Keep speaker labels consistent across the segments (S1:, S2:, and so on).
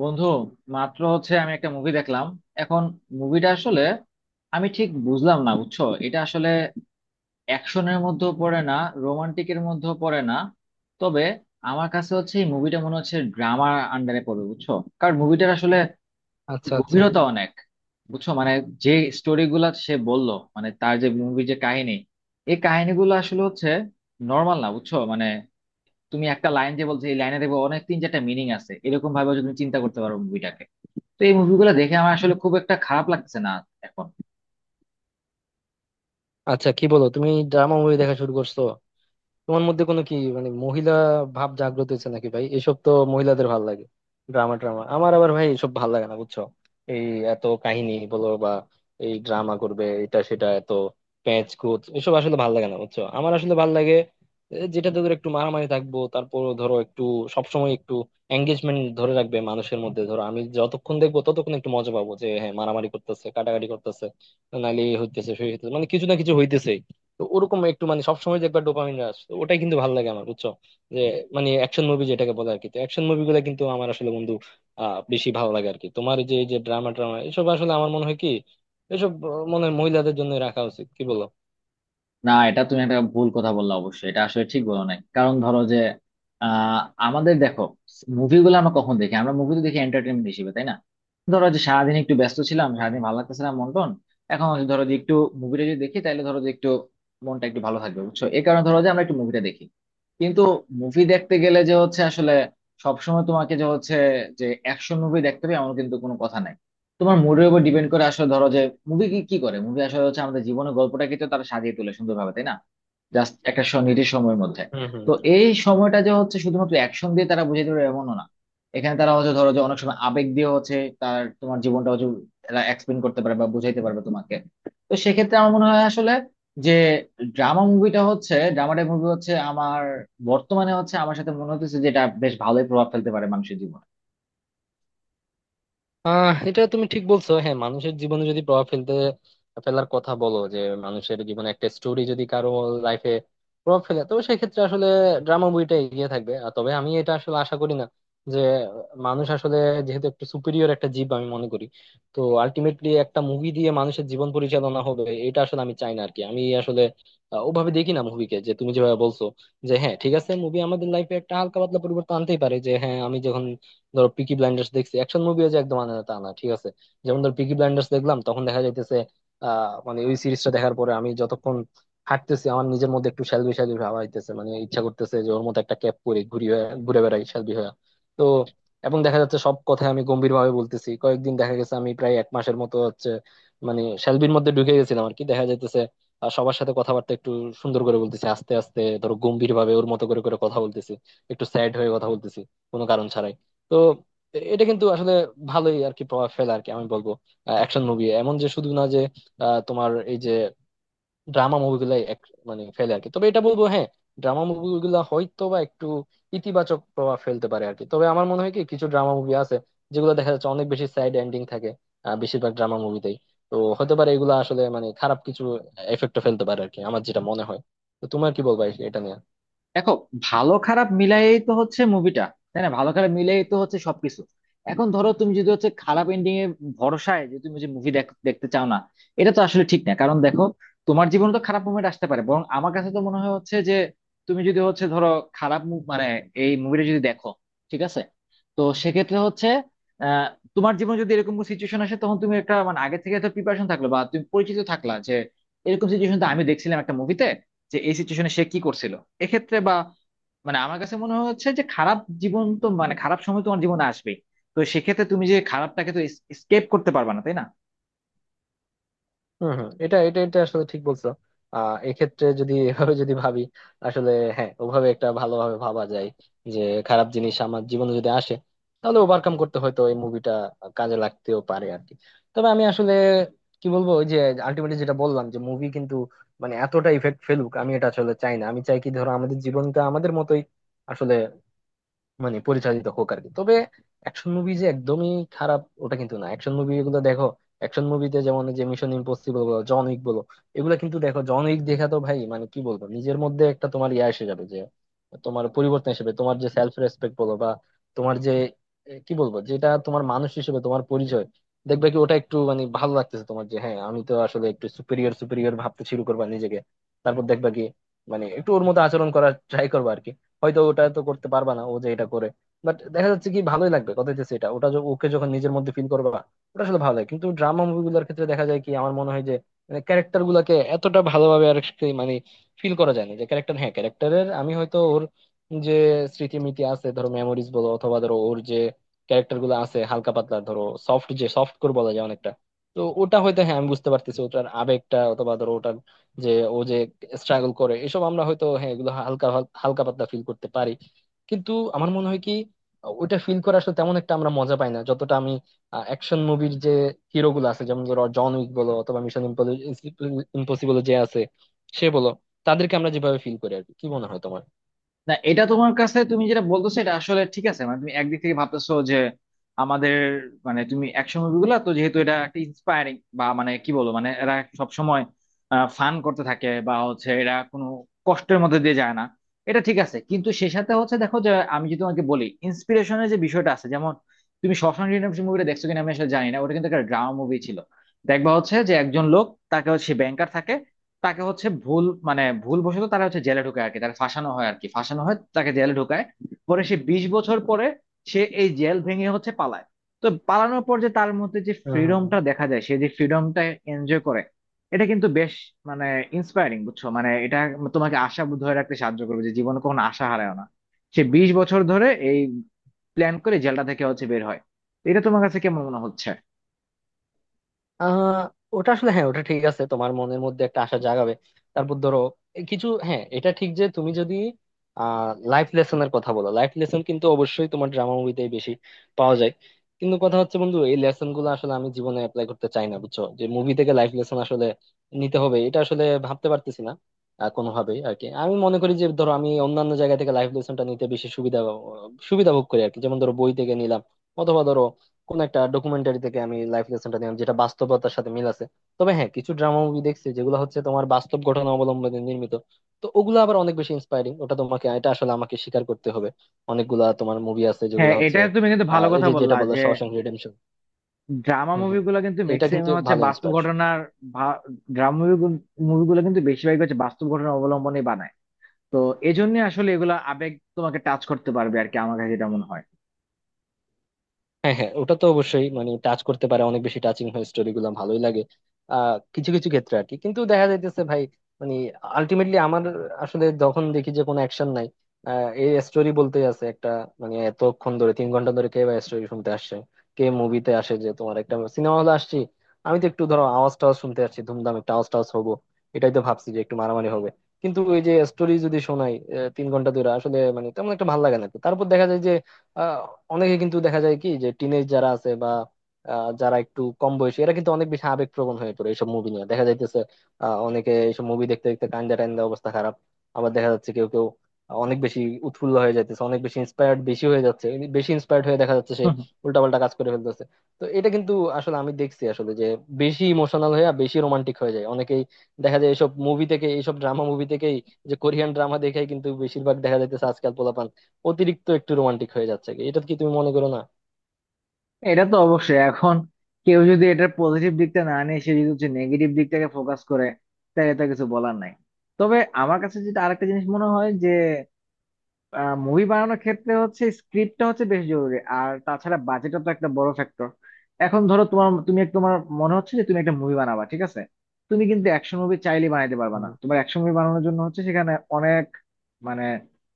S1: বন্ধু মাত্র হচ্ছে আমি একটা মুভি দেখলাম। এখন মুভিটা আসলে আমি ঠিক বুঝলাম না, বুঝছো, এটা আসলে অ্যাকশনের মধ্যেও পড়ে না, রোমান্টিকের মধ্যেও পড়ে না, তবে আমার কাছে হচ্ছে এই মুভিটা মনে হচ্ছে ড্রামার আন্ডারে পড়বে বুঝছো। কারণ মুভিটার আসলে
S2: আচ্ছা, আচ্ছা,
S1: গভীরতা অনেক, বুঝছো মানে, যে স্টোরি গুলা সে বললো মানে তার যে মুভির যে কাহিনী, এই কাহিনীগুলো আসলে হচ্ছে নর্মাল না, বুঝছো মানে তুমি একটা লাইন যে বলছো এই লাইনে দেখবে অনেক তিন চারটা মিনিং আছে, এরকম ভাবে হচ্ছে তুমি চিন্তা করতে পারো মুভিটাকে। তো এই মুভিগুলো দেখে আমার আসলে খুব একটা খারাপ লাগছে না এখন।
S2: আচ্ছা, কি বলো তুমি ড্রামা মুভি দেখা শুরু করছো? তোমার মধ্যে কোনো কি মানে মহিলা ভাব জাগ্রত হয়েছে নাকি? ভাই, এসব তো মহিলাদের ভাল লাগে। ড্রামা ড্রামা আমার আবার ভাই এসব ভাল লাগে না বুঝছো। এই এত কাহিনী বলো বা এই ড্রামা করবে এটা সেটা, এত প্যাঁচ কুচ এসব আসলে ভাল লাগে না বুঝছো। আমার আসলে ভাল লাগে যেটাতে ধরো একটু মারামারি থাকবো, তারপর ধরো একটু সবসময় একটু এঙ্গেজমেন্ট ধরে রাখবে মানুষের মধ্যে। ধরো আমি যতক্ষণ দেখবো ততক্ষণ একটু মজা পাবো যে হ্যাঁ, মারামারি করতেছে, কাটাকাটি করতেছে, নাহলে এই হইতেছে সেই হইতেছে, মানে কিছু না কিছু হইতেছে। তো ওরকম একটু মানে সবসময় যে একবার ডোপামিন রাশ, তো ওটাই কিন্তু ভালো লাগে আমার বুঝছো। যে মানে অ্যাকশন মুভি যেটাকে বলে আর কি, তো অ্যাকশন মুভিগুলো কিন্তু আমার আসলে বন্ধু বেশি ভালো লাগে আর কি। তোমার এই যে ড্রামা ট্রামা এসব আসলে আমার মনে হয় কি, এসব মনে হয় মহিলাদের জন্য রাখা উচিত, কি বলো?
S1: না, এটা তুমি একটা ভুল কথা বললা, অবশ্যই এটা আসলে ঠিক বলো নাই। কারণ ধরো যে আহ আমাদের দেখো, মুভিগুলো আমরা কখন দেখি? আমরা মুভি তো দেখি এন্টারটেনমেন্ট হিসেবে, তাই না? ধরো যে সারাদিন একটু ব্যস্ত ছিলাম, সারাদিন
S2: হম
S1: ভালো লাগতেছিলাম মন টন। এখন হচ্ছে ধরো যে একটু মুভিটা যদি দেখি তাহলে ধরো যে একটু মনটা একটু ভালো থাকবে, বুঝছো, এই কারণে ধরো যে আমরা একটু মুভিটা দেখি। কিন্তু মুভি দেখতে গেলে যে হচ্ছে আসলে সবসময় তোমাকে যে হচ্ছে যে অ্যাকশন মুভি দেখতে হবে এমন কিন্তু কোনো কথা নাই। তোমার মুডের উপর ডিপেন্ড করে আসলে ধরো যে মুভি কি কি করে, মুভি আসলে হচ্ছে আমাদের জীবনের গল্পটাকে তো তারা সাজিয়ে তোলে সুন্দরভাবে, তাই না? জাস্ট একটা নির্দিষ্ট সময়ের মধ্যে।
S2: হম হম
S1: তো
S2: হম
S1: এই সময়টা যে হচ্ছে শুধুমাত্র অ্যাকশন দিয়ে তারা বুঝিয়ে দেবে এমনও না। এখানে তারা হচ্ছে ধরো যে অনেক সময় আবেগ দিয়ে হচ্ছে তার তোমার জীবনটা হচ্ছে তারা এক্সপ্লেন করতে পারবে বা বুঝাইতে পারবে তোমাকে। তো সেক্ষেত্রে আমার মনে হয় আসলে যে ড্রামা মুভিটা হচ্ছে, ড্রামাটিক মুভি হচ্ছে আমার বর্তমানে হচ্ছে আমার সাথে মনে হচ্ছে যেটা বেশ ভালোই প্রভাব ফেলতে পারে মানুষের জীবনে।
S2: এটা তুমি ঠিক বলছো। হ্যাঁ, মানুষের জীবনে যদি প্রভাব ফেলতে ফেলার কথা বলো, যে মানুষের জীবনে একটা স্টোরি যদি কারো লাইফে প্রভাব ফেলে, তো সেক্ষেত্রে আসলে ড্রামা বইটা এগিয়ে থাকবে। আর তবে আমি এটা আসলে আশা করি না যে মানুষ আসলে, যেহেতু একটা সুপিরিয়র একটা জীব আমি মনে করি, তো আলটিমেটলি একটা মুভি দিয়ে মানুষের জীবন পরিচালনা হবে এটা আসলে আমি চাই না আর কি। আমি আসলে ওভাবে দেখি না মুভিকে, যে তুমি যেভাবে বলছো। যে হ্যাঁ ঠিক আছে, মুভি আমাদের লাইফে একটা হালকা পাতলা পরিবর্তন আনতেই পারে। যে হ্যাঁ, আমি যখন ধরো পিকি ব্লাইন্ডার্স দেখছি, অ্যাকশন মুভিও যে একদম আনে না তা না, ঠিক আছে। যেমন ধরো পিকি ব্লাইন্ডার্স দেখলাম, তখন দেখা যাইতেছে মানে ওই সিরিজটা দেখার পরে আমি যতক্ষণ হাঁটতেছি আমার নিজের মধ্যে একটু শ্যালবি শ্যালবি ভাব আইতেছে। মানে ইচ্ছা করতেছে যে ওর মতো একটা ক্যাপ পরে ঘুরে বেড়াই শ্যালবি হয়ে। তো এবং দেখা যাচ্ছে সব কথাই আমি গম্ভীর ভাবে বলতেছি কয়েকদিন, দেখা গেছে আমি প্রায় এক মাসের মতো হচ্ছে মানে শ্যালবির মধ্যে ঢুকে গেছিলাম আর কি। দেখা যাইতেছে আর সবার সাথে কথাবার্তা একটু সুন্দর করে বলতেছি, আস্তে আস্তে ধরো গম্ভীর ভাবে ওর মতো করে করে কথা বলতেছি, একটু স্যাড হয়ে কথা বলতেছি কোনো কারণ ছাড়াই। তো এটা কিন্তু আসলে ভালোই আর কি প্রভাব ফেলে আর কি, আমি বলবো। অ্যাকশন মুভি এমন যে শুধু না যে তোমার এই যে ড্রামা মুভিগুলাই মানে ফেলে আর কি। তবে এটা বলবো হ্যাঁ, ড্রামা মুভিগুলা হয়তো বা একটু ইতিবাচক প্রভাব ফেলতে পারে আর কি। তবে আমার মনে হয় কি, কিছু ড্রামা মুভি আছে যেগুলো দেখা যাচ্ছে অনেক বেশি স্যাড এন্ডিং থাকে, বেশিরভাগ ড্রামা মুভিতেই। তো হতে পারে এগুলো আসলে মানে খারাপ কিছু এফেক্ট ফেলতে পারে আর কি, আমার যেটা মনে হয়। তো তোমার কি বলবা এটা নিয়ে?
S1: দেখো, ভালো খারাপ মিলায়েই তো হচ্ছে মুভিটা, তাই না? ভালো খারাপ মিলায়েই তো হচ্ছে সবকিছু। এখন ধরো তুমি যদি হচ্ছে খারাপ এন্ডিং এ ভরসায় যে তুমি যে মুভি দেখতে চাও না, এটা তো আসলে ঠিক না। কারণ দেখো, তোমার জীবনে তো খারাপ মুভমেন্ট আসতে পারে, বরং আমার কাছে তো মনে হয় হচ্ছে যে তুমি যদি হচ্ছে ধরো মানে এই মুভিটা যদি দেখো, ঠিক আছে, তো সেক্ষেত্রে হচ্ছে আহ তোমার জীবনে যদি এরকম সিচুয়েশন আসে তখন তুমি একটা মানে আগে থেকে তো প্রিপারেশন থাকলো, বা তুমি পরিচিত থাকলা যে এরকম সিচুয়েশন তো আমি দেখছিলাম একটা মুভিতে, যে এই সিচুয়েশনে সে কি করছিল এক্ষেত্রে, বা মানে আমার কাছে মনে হচ্ছে যে খারাপ জীবন তো মানে খারাপ সময় তোমার জীবনে আসবেই। তো সেক্ষেত্রে তুমি যে খারাপটাকে তো এস্কেপ করতে পারবে না, তাই না?
S2: হম, হম। এটা এটা এটা আসলে ঠিক বলছো। এক্ষেত্রে যদি এভাবে যদি ভাবি আসলে, হ্যাঁ ওভাবে একটা ভালোভাবে ভাবা যায়। যে খারাপ জিনিস আমার জীবনে যদি আসে, তাহলে ওভারকাম করতে হয়তো এই মুভিটা কাজে লাগতেও পারে আর কি। তবে আমি আসলে কি বলবো, ওই যে আলটিমেটলি যেটা বললাম যে মুভি কিন্তু মানে এতটা ইফেক্ট ফেলুক আমি এটা আসলে চাই না। আমি চাই কি, ধরো আমাদের জীবনটা আমাদের মতোই আসলে মানে পরিচালিত হোক আর কি। তবে অ্যাকশন মুভি যে একদমই খারাপ ওটা কিন্তু না। অ্যাকশন মুভি গুলো দেখো, অ্যাকশন মুভিতে যেমন এই যে মিশন ইম্পসিবল বলো, জন উইক বলো, এগুলো কিন্তু দেখো, জন উইক দেখা তো ভাই মানে কি বলবো, নিজের মধ্যে একটা তোমার ইয়া এসে যাবে। যে তোমার পরিবর্তন হিসেবে তোমার যে সেলফ রেসপেক্ট বলো বা তোমার যে কি বলবো, যেটা তোমার মানুষ হিসেবে তোমার পরিচয়, দেখবে কি ওটা একটু মানে ভালো লাগতেছে তোমার। যে হ্যাঁ আমি তো আসলে একটু সুপিরিয়র সুপিরিয়র ভাবতে শুরু করবা নিজেকে। তারপর দেখবা কি মানে একটু ওর মতো আচরণ করার ট্রাই করবা আর কি। হয়তো ওটা তো করতে পারবা না ও যে এটা করে, বাট দেখা যাচ্ছে কি ভালোই লাগবে, কথা দিতেছি। এটা ওটা ওকে যখন নিজের মধ্যে ফিল করবা, ওটা আসলে ভালো লাগে। কিন্তু ড্রামা মুভিগুলোর ক্ষেত্রে দেখা যায় কি, আমার মনে হয় যে মানে ক্যারেক্টার গুলাকে এতটা ভালোভাবে আর কি মানে ফিল করা যায় না। যে ক্যারেক্টার, হ্যাঁ ক্যারেক্টারের আমি হয়তো ওর যে স্মৃতিমিতি আছে, ধরো মেমোরিজ বলো, অথবা ধরো ওর যে ক্যারেক্টার গুলো আছে হালকা পাতলা, ধরো সফট যে সফট কোর বলা যায় অনেকটা। তো ওটা হয়তো হ্যাঁ আমি বুঝতে পারতেছি ওটার আবেগটা, অথবা ধরো ওটার যে ও যে স্ট্রাগল করে এসব আমরা হয়তো হ্যাঁ এগুলো হালকা হালকা পাতলা ফিল করতে পারি। কিন্তু আমার মনে হয় কি, ওইটা ফিল করা আসলে তেমন একটা আমরা মজা পাই না, যতটা আমি অ্যাকশন মুভির যে হিরো গুলো আছে, যেমন ধরো জন উইক বলো অথবা মিশন ইম্পসিবল যে আছে সে বলো, তাদেরকে আমরা যেভাবে ফিল করি আর কি। কি মনে হয় তোমার?
S1: না, এটা তোমার কাছে তুমি যেটা বলতেছো এটা আসলে ঠিক আছে, মানে তুমি একদিক থেকে ভাবতেছো যে আমাদের, মানে তুমি অ্যাকশন মুভিগুলো তো যেহেতু এটা একটা ইন্সপায়ারিং বা মানে কি বলবো, মানে এরা সব সময় ফান করতে থাকে বা হচ্ছে এরা কোনো কষ্টের মধ্যে দিয়ে যায় না। এটা ঠিক আছে, কিন্তু সে সাথে হচ্ছে দেখো যে আমি যদি তোমাকে বলি ইন্সপিরেশনের যে বিষয়টা আছে, যেমন তুমি শশাঙ্ক রিডেম্পশন মুভিটা দেখছো কিনা আমি আসলে জানি না, ওটা কিন্তু একটা ড্রামা মুভি ছিল। দেখবা হচ্ছে যে একজন লোক, তাকে হচ্ছে ব্যাংকার থাকে, তাকে হচ্ছে ভুল মানে ভুল বশত তারা হচ্ছে জেলে ঢুকায় আর কি, তারা ফাঁসানো হয় আর কি, ফাঁসানো হয় তাকে জেলে ঢুকায়। পরে সে 20 বছর পরে সে এই জেল ভেঙে হচ্ছে পালায়। তো পালানোর পর যে তার মধ্যে যে
S2: হম, হম।
S1: ফ্রিডমটা দেখা যায়, সে যে ফ্রিডমটা এনজয় করে, এটা কিন্তু বেশ মানে ইন্সপায়ারিং, বুঝছো, মানে এটা তোমাকে আশা ধরে রাখতে সাহায্য করবে যে জীবনে কখনো আশা হারায় না। সে বিশ বছর ধরে এই প্ল্যান করে জেলটা থেকে হচ্ছে বের হয়। এটা তোমার কাছে কেমন মনে হচ্ছে?
S2: আহ ওটা আসলে হ্যাঁ, ওটা ঠিক আছে, তোমার মনের মধ্যে একটা আশা জাগাবে। তারপর ধরো এ কিছু, হ্যাঁ এটা ঠিক যে তুমি যদি আহ লাইফ লেসনের কথা বলো, লাইফ লেসন কিন্তু অবশ্যই তোমার ড্রামা মুভিতে বেশি পাওয়া যায়। কিন্তু কথা হচ্ছে বন্ধু, এই লেসন গুলো আসলে আমি জীবনে অ্যাপ্লাই করতে চাই না বুঝছো। যে মুভি থেকে লাইফ লেসন আসলে নিতে হবে এটা আসলে ভাবতে পারতেছি না কোনোভাবেই আর কি। আমি মনে করি যে ধরো আমি অন্যান্য জায়গা থেকে লাইফ লেসনটা নিতে বেশি সুবিধা সুবিধা ভোগ করি আর কি। যেমন ধরো বই থেকে নিলাম, অথবা ধরো কোন একটা ডকুমেন্টারি থেকে আমি লাইফ লেসনটা নিলাম যেটা বাস্তবতার সাথে মিল আছে। তবে হ্যাঁ, কিছু ড্রামা মুভি দেখছি যেগুলো হচ্ছে তোমার বাস্তব ঘটনা অবলম্বনে নির্মিত, তো ওগুলো আবার অনেক বেশি ইন্সপায়ারিং। ওটা তোমাকে, এটা আসলে আমাকে স্বীকার করতে হবে, অনেকগুলা তোমার মুভি আছে যেগুলো
S1: হ্যাঁ, এটা
S2: হচ্ছে
S1: তুমি কিন্তু ভালো
S2: এই
S1: কথা
S2: যে যেটা
S1: বললা
S2: বললো
S1: যে
S2: শশাঙ্ক রিডেম্পশন।
S1: ড্রামা
S2: হম, হম।
S1: মুভিগুলো কিন্তু
S2: এটা কিন্তু
S1: ম্যাক্সিমাম হচ্ছে
S2: ভালো
S1: বাস্তব
S2: ইন্সপায়ারেশন।
S1: ঘটনার, ড্রামা মুভিগুলো কিন্তু বেশিরভাগ হচ্ছে বাস্তব ঘটনা অবলম্বনে বানায়। তো এই জন্য আসলে এগুলা আবেগ তোমাকে টাচ করতে পারবে আর কি, আমার কাছে এটা মনে হয়।
S2: হ্যাঁ, হ্যাঁ, ওটা তো অবশ্যই মানে টাচ করতে পারে, অনেক বেশি টাচিং হয়, স্টোরি গুলো ভালোই লাগে কিছু কিছু ক্ষেত্রে আর কি। কিন্তু দেখা যাইতেছে ভাই মানে আলটিমেটলি আমার আসলে যখন দেখি যে কোনো অ্যাকশন নাই, এই স্টোরি বলতেই আছে একটা, মানে এতক্ষণ ধরে 3 ঘন্টা ধরে কে বা স্টোরি শুনতে আসছে? কে মুভিতে আসে যে, তোমার একটা সিনেমা হলে আসছি আমি তো একটু ধরো আওয়াজ টাওয়াজ শুনতে আসছি, ধুমধাম একটা আওয়াজ টাওয়াজ হবো, এটাই তো ভাবছি যে একটু মারামারি হবে। কিন্তু ওই যে স্টোরি যদি শোনাই 3 ঘন্টা ধরে আসলে মানে তেমন একটা ভালো লাগে না। তারপর দেখা যায় যে আহ, অনেকে কিন্তু দেখা যায় কি, যে টিনেজ যারা আছে বা যারা একটু কম বয়সী, এরা কিন্তু অনেক বেশি আবেগপ্রবণ হয়ে পড়ে এইসব মুভি নিয়ে, দেখা যাইতেছে অনেকে এইসব মুভি দেখতে দেখতে কান্দা টান্দা, অবস্থা খারাপ। আবার দেখা যাচ্ছে কেউ কেউ অনেক বেশি উৎফুল্ল হয়ে যাইতেছে, অনেক বেশি ইন্সপায়ার্ড বেশি হয়ে যাচ্ছে। বেশি ইন্সপায়ার্ড হয়ে দেখা যাচ্ছে সে
S1: হুম।
S2: উল্টাপাল্টা কাজ করে ফেলতেছে। তো এটা কিন্তু আসলে আমি দেখছি আসলে যে বেশি ইমোশনাল হয়ে আর বেশি রোমান্টিক হয়ে যায় অনেকেই, দেখা যায় এইসব মুভি থেকে, এইসব ড্রামা মুভি থেকেই। যে কোরিয়ান ড্রামা দেখেই কিন্তু বেশিরভাগ দেখা যাইতেছে আজকাল অতিরিক্ত একটু রোমান্টিক হয়ে যাচ্ছে কি, এটা কি তুমি মনে করো না?
S1: এটা তো অবশ্যই। এখন কেউ যদি এটার পজিটিভ দিকটা না নিয়ে সে যদি হচ্ছে নেগেটিভ দিকটাকে ফোকাস করে তাহলে তা কিছু বলার নাই। তবে আমার কাছে যেটা আরেকটা জিনিস মনে হয় যে মুভি বানানোর ক্ষেত্রে হচ্ছে স্ক্রিপ্টটা হচ্ছে বেশ জরুরি, আর তাছাড়া বাজেটও তো একটা বড় ফ্যাক্টর। এখন ধরো তোমার তুমি তোমার মনে হচ্ছে যে তুমি একটা মুভি বানাবা, ঠিক আছে, তুমি কিন্তু অ্যাকশন মুভি চাইলে বানাইতে পারবা না।
S2: হুম।
S1: তোমার অ্যাকশন মুভি বানানোর জন্য হচ্ছে সেখানে অনেক মানে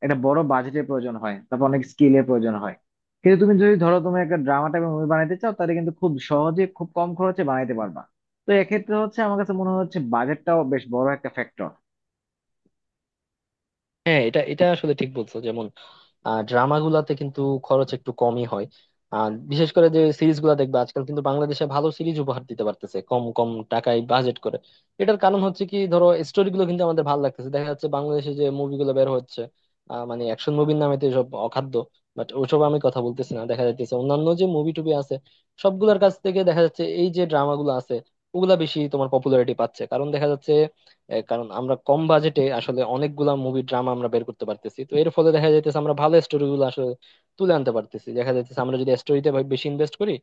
S1: একটা বড় বাজেটের প্রয়োজন হয়, তারপর অনেক স্কিলের প্রয়োজন হয়। কিন্তু তুমি যদি ধরো তুমি একটা ড্রামা টাইপের মুভি বানাইতে চাও তাহলে কিন্তু খুব সহজে খুব কম খরচে বানাইতে পারবা। তো এক্ষেত্রে হচ্ছে আমার কাছে মনে হচ্ছে বাজেটটাও বেশ বড় একটা ফ্যাক্টর।
S2: হ্যাঁ, এটা এটা আসলে ঠিক বলছো। যেমন ড্রামা গুলাতে কিন্তু খরচ একটু কমই হয়। আর বিশেষ করে যে সিরিজ গুলা দেখবে আজকাল কিন্তু বাংলাদেশে ভালো সিরিজ উপহার দিতে পারতেছে কম কম টাকায় বাজেট করে। এটার কারণ হচ্ছে কি, ধরো স্টোরি গুলো কিন্তু আমাদের ভালো লাগতেছে, দেখা যাচ্ছে বাংলাদেশে যে মুভিগুলো বের হচ্ছে, মানে অ্যাকশন মুভির নামে তো এসব অখাদ্য, বাট ওসব আমি কথা বলতেছি না। দেখা যাচ্ছে অন্যান্য যে মুভি টুবি আছে সবগুলোর কাছ থেকে দেখা যাচ্ছে এই যে ড্রামাগুলো আছে, ওগুলা বেশি তোমার পপুলারিটি পাচ্ছে। কারণ দেখা যাচ্ছে কারণ আমরা কম বাজেটে আসলে অনেকগুলা মুভি ড্রামা আমরা বের করতে পারতেছি, তো এর ফলে দেখা যাইতেছে আমরা ভালো স্টোরি গুলো আসলে তুলে আনতে পারতেছি। দেখা যাইতেছে আমরা যদি স্টোরিতে বেশি ইনভেস্ট করি,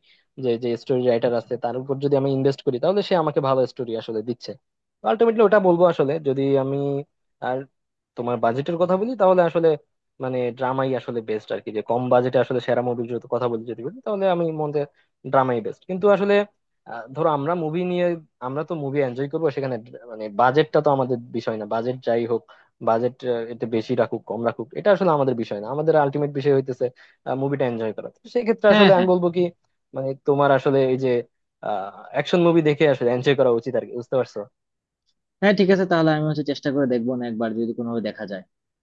S2: যে যে স্টোরি রাইটার আছে তার উপর যদি আমি ইনভেস্ট করি, তাহলে সে আমাকে ভালো স্টোরি আসলে দিচ্ছে। আলটিমেটলি ওটা বলবো আসলে যদি আমি আর তোমার বাজেটের কথা বলি তাহলে আসলে মানে ড্রামাই আসলে বেস্ট আর কি। যে কম বাজেটে আসলে সেরা মুভির যদি কথা বলি, যদি বলি তাহলে আমি মনে, ড্রামাই বেস্ট কিন্তু আসলে। ধরো আমরা মুভি নিয়ে আমরা তো মুভি এনজয় করবো, সেখানে মানে বাজেটটা তো আমাদের বিষয় না। বাজেট যাই হোক, বাজেট এতে বেশি রাখুক কম রাখুক এটা আসলে আমাদের বিষয় না। আমাদের আলটিমেট বিষয় হইতেছে মুভিটা এনজয় করা। তো সেই ক্ষেত্রে আসলে আমি বলবো কি মানে তোমার আসলে এই যে অ্যাকশন মুভি দেখে আসলে এনজয় করা উচিত আর কি, বুঝতে পারছো?
S1: হ্যাঁ, ঠিক আছে, তাহলে আমি হচ্ছে চেষ্টা করে দেখবো, না একবার যদি কোনোভাবে দেখা যায়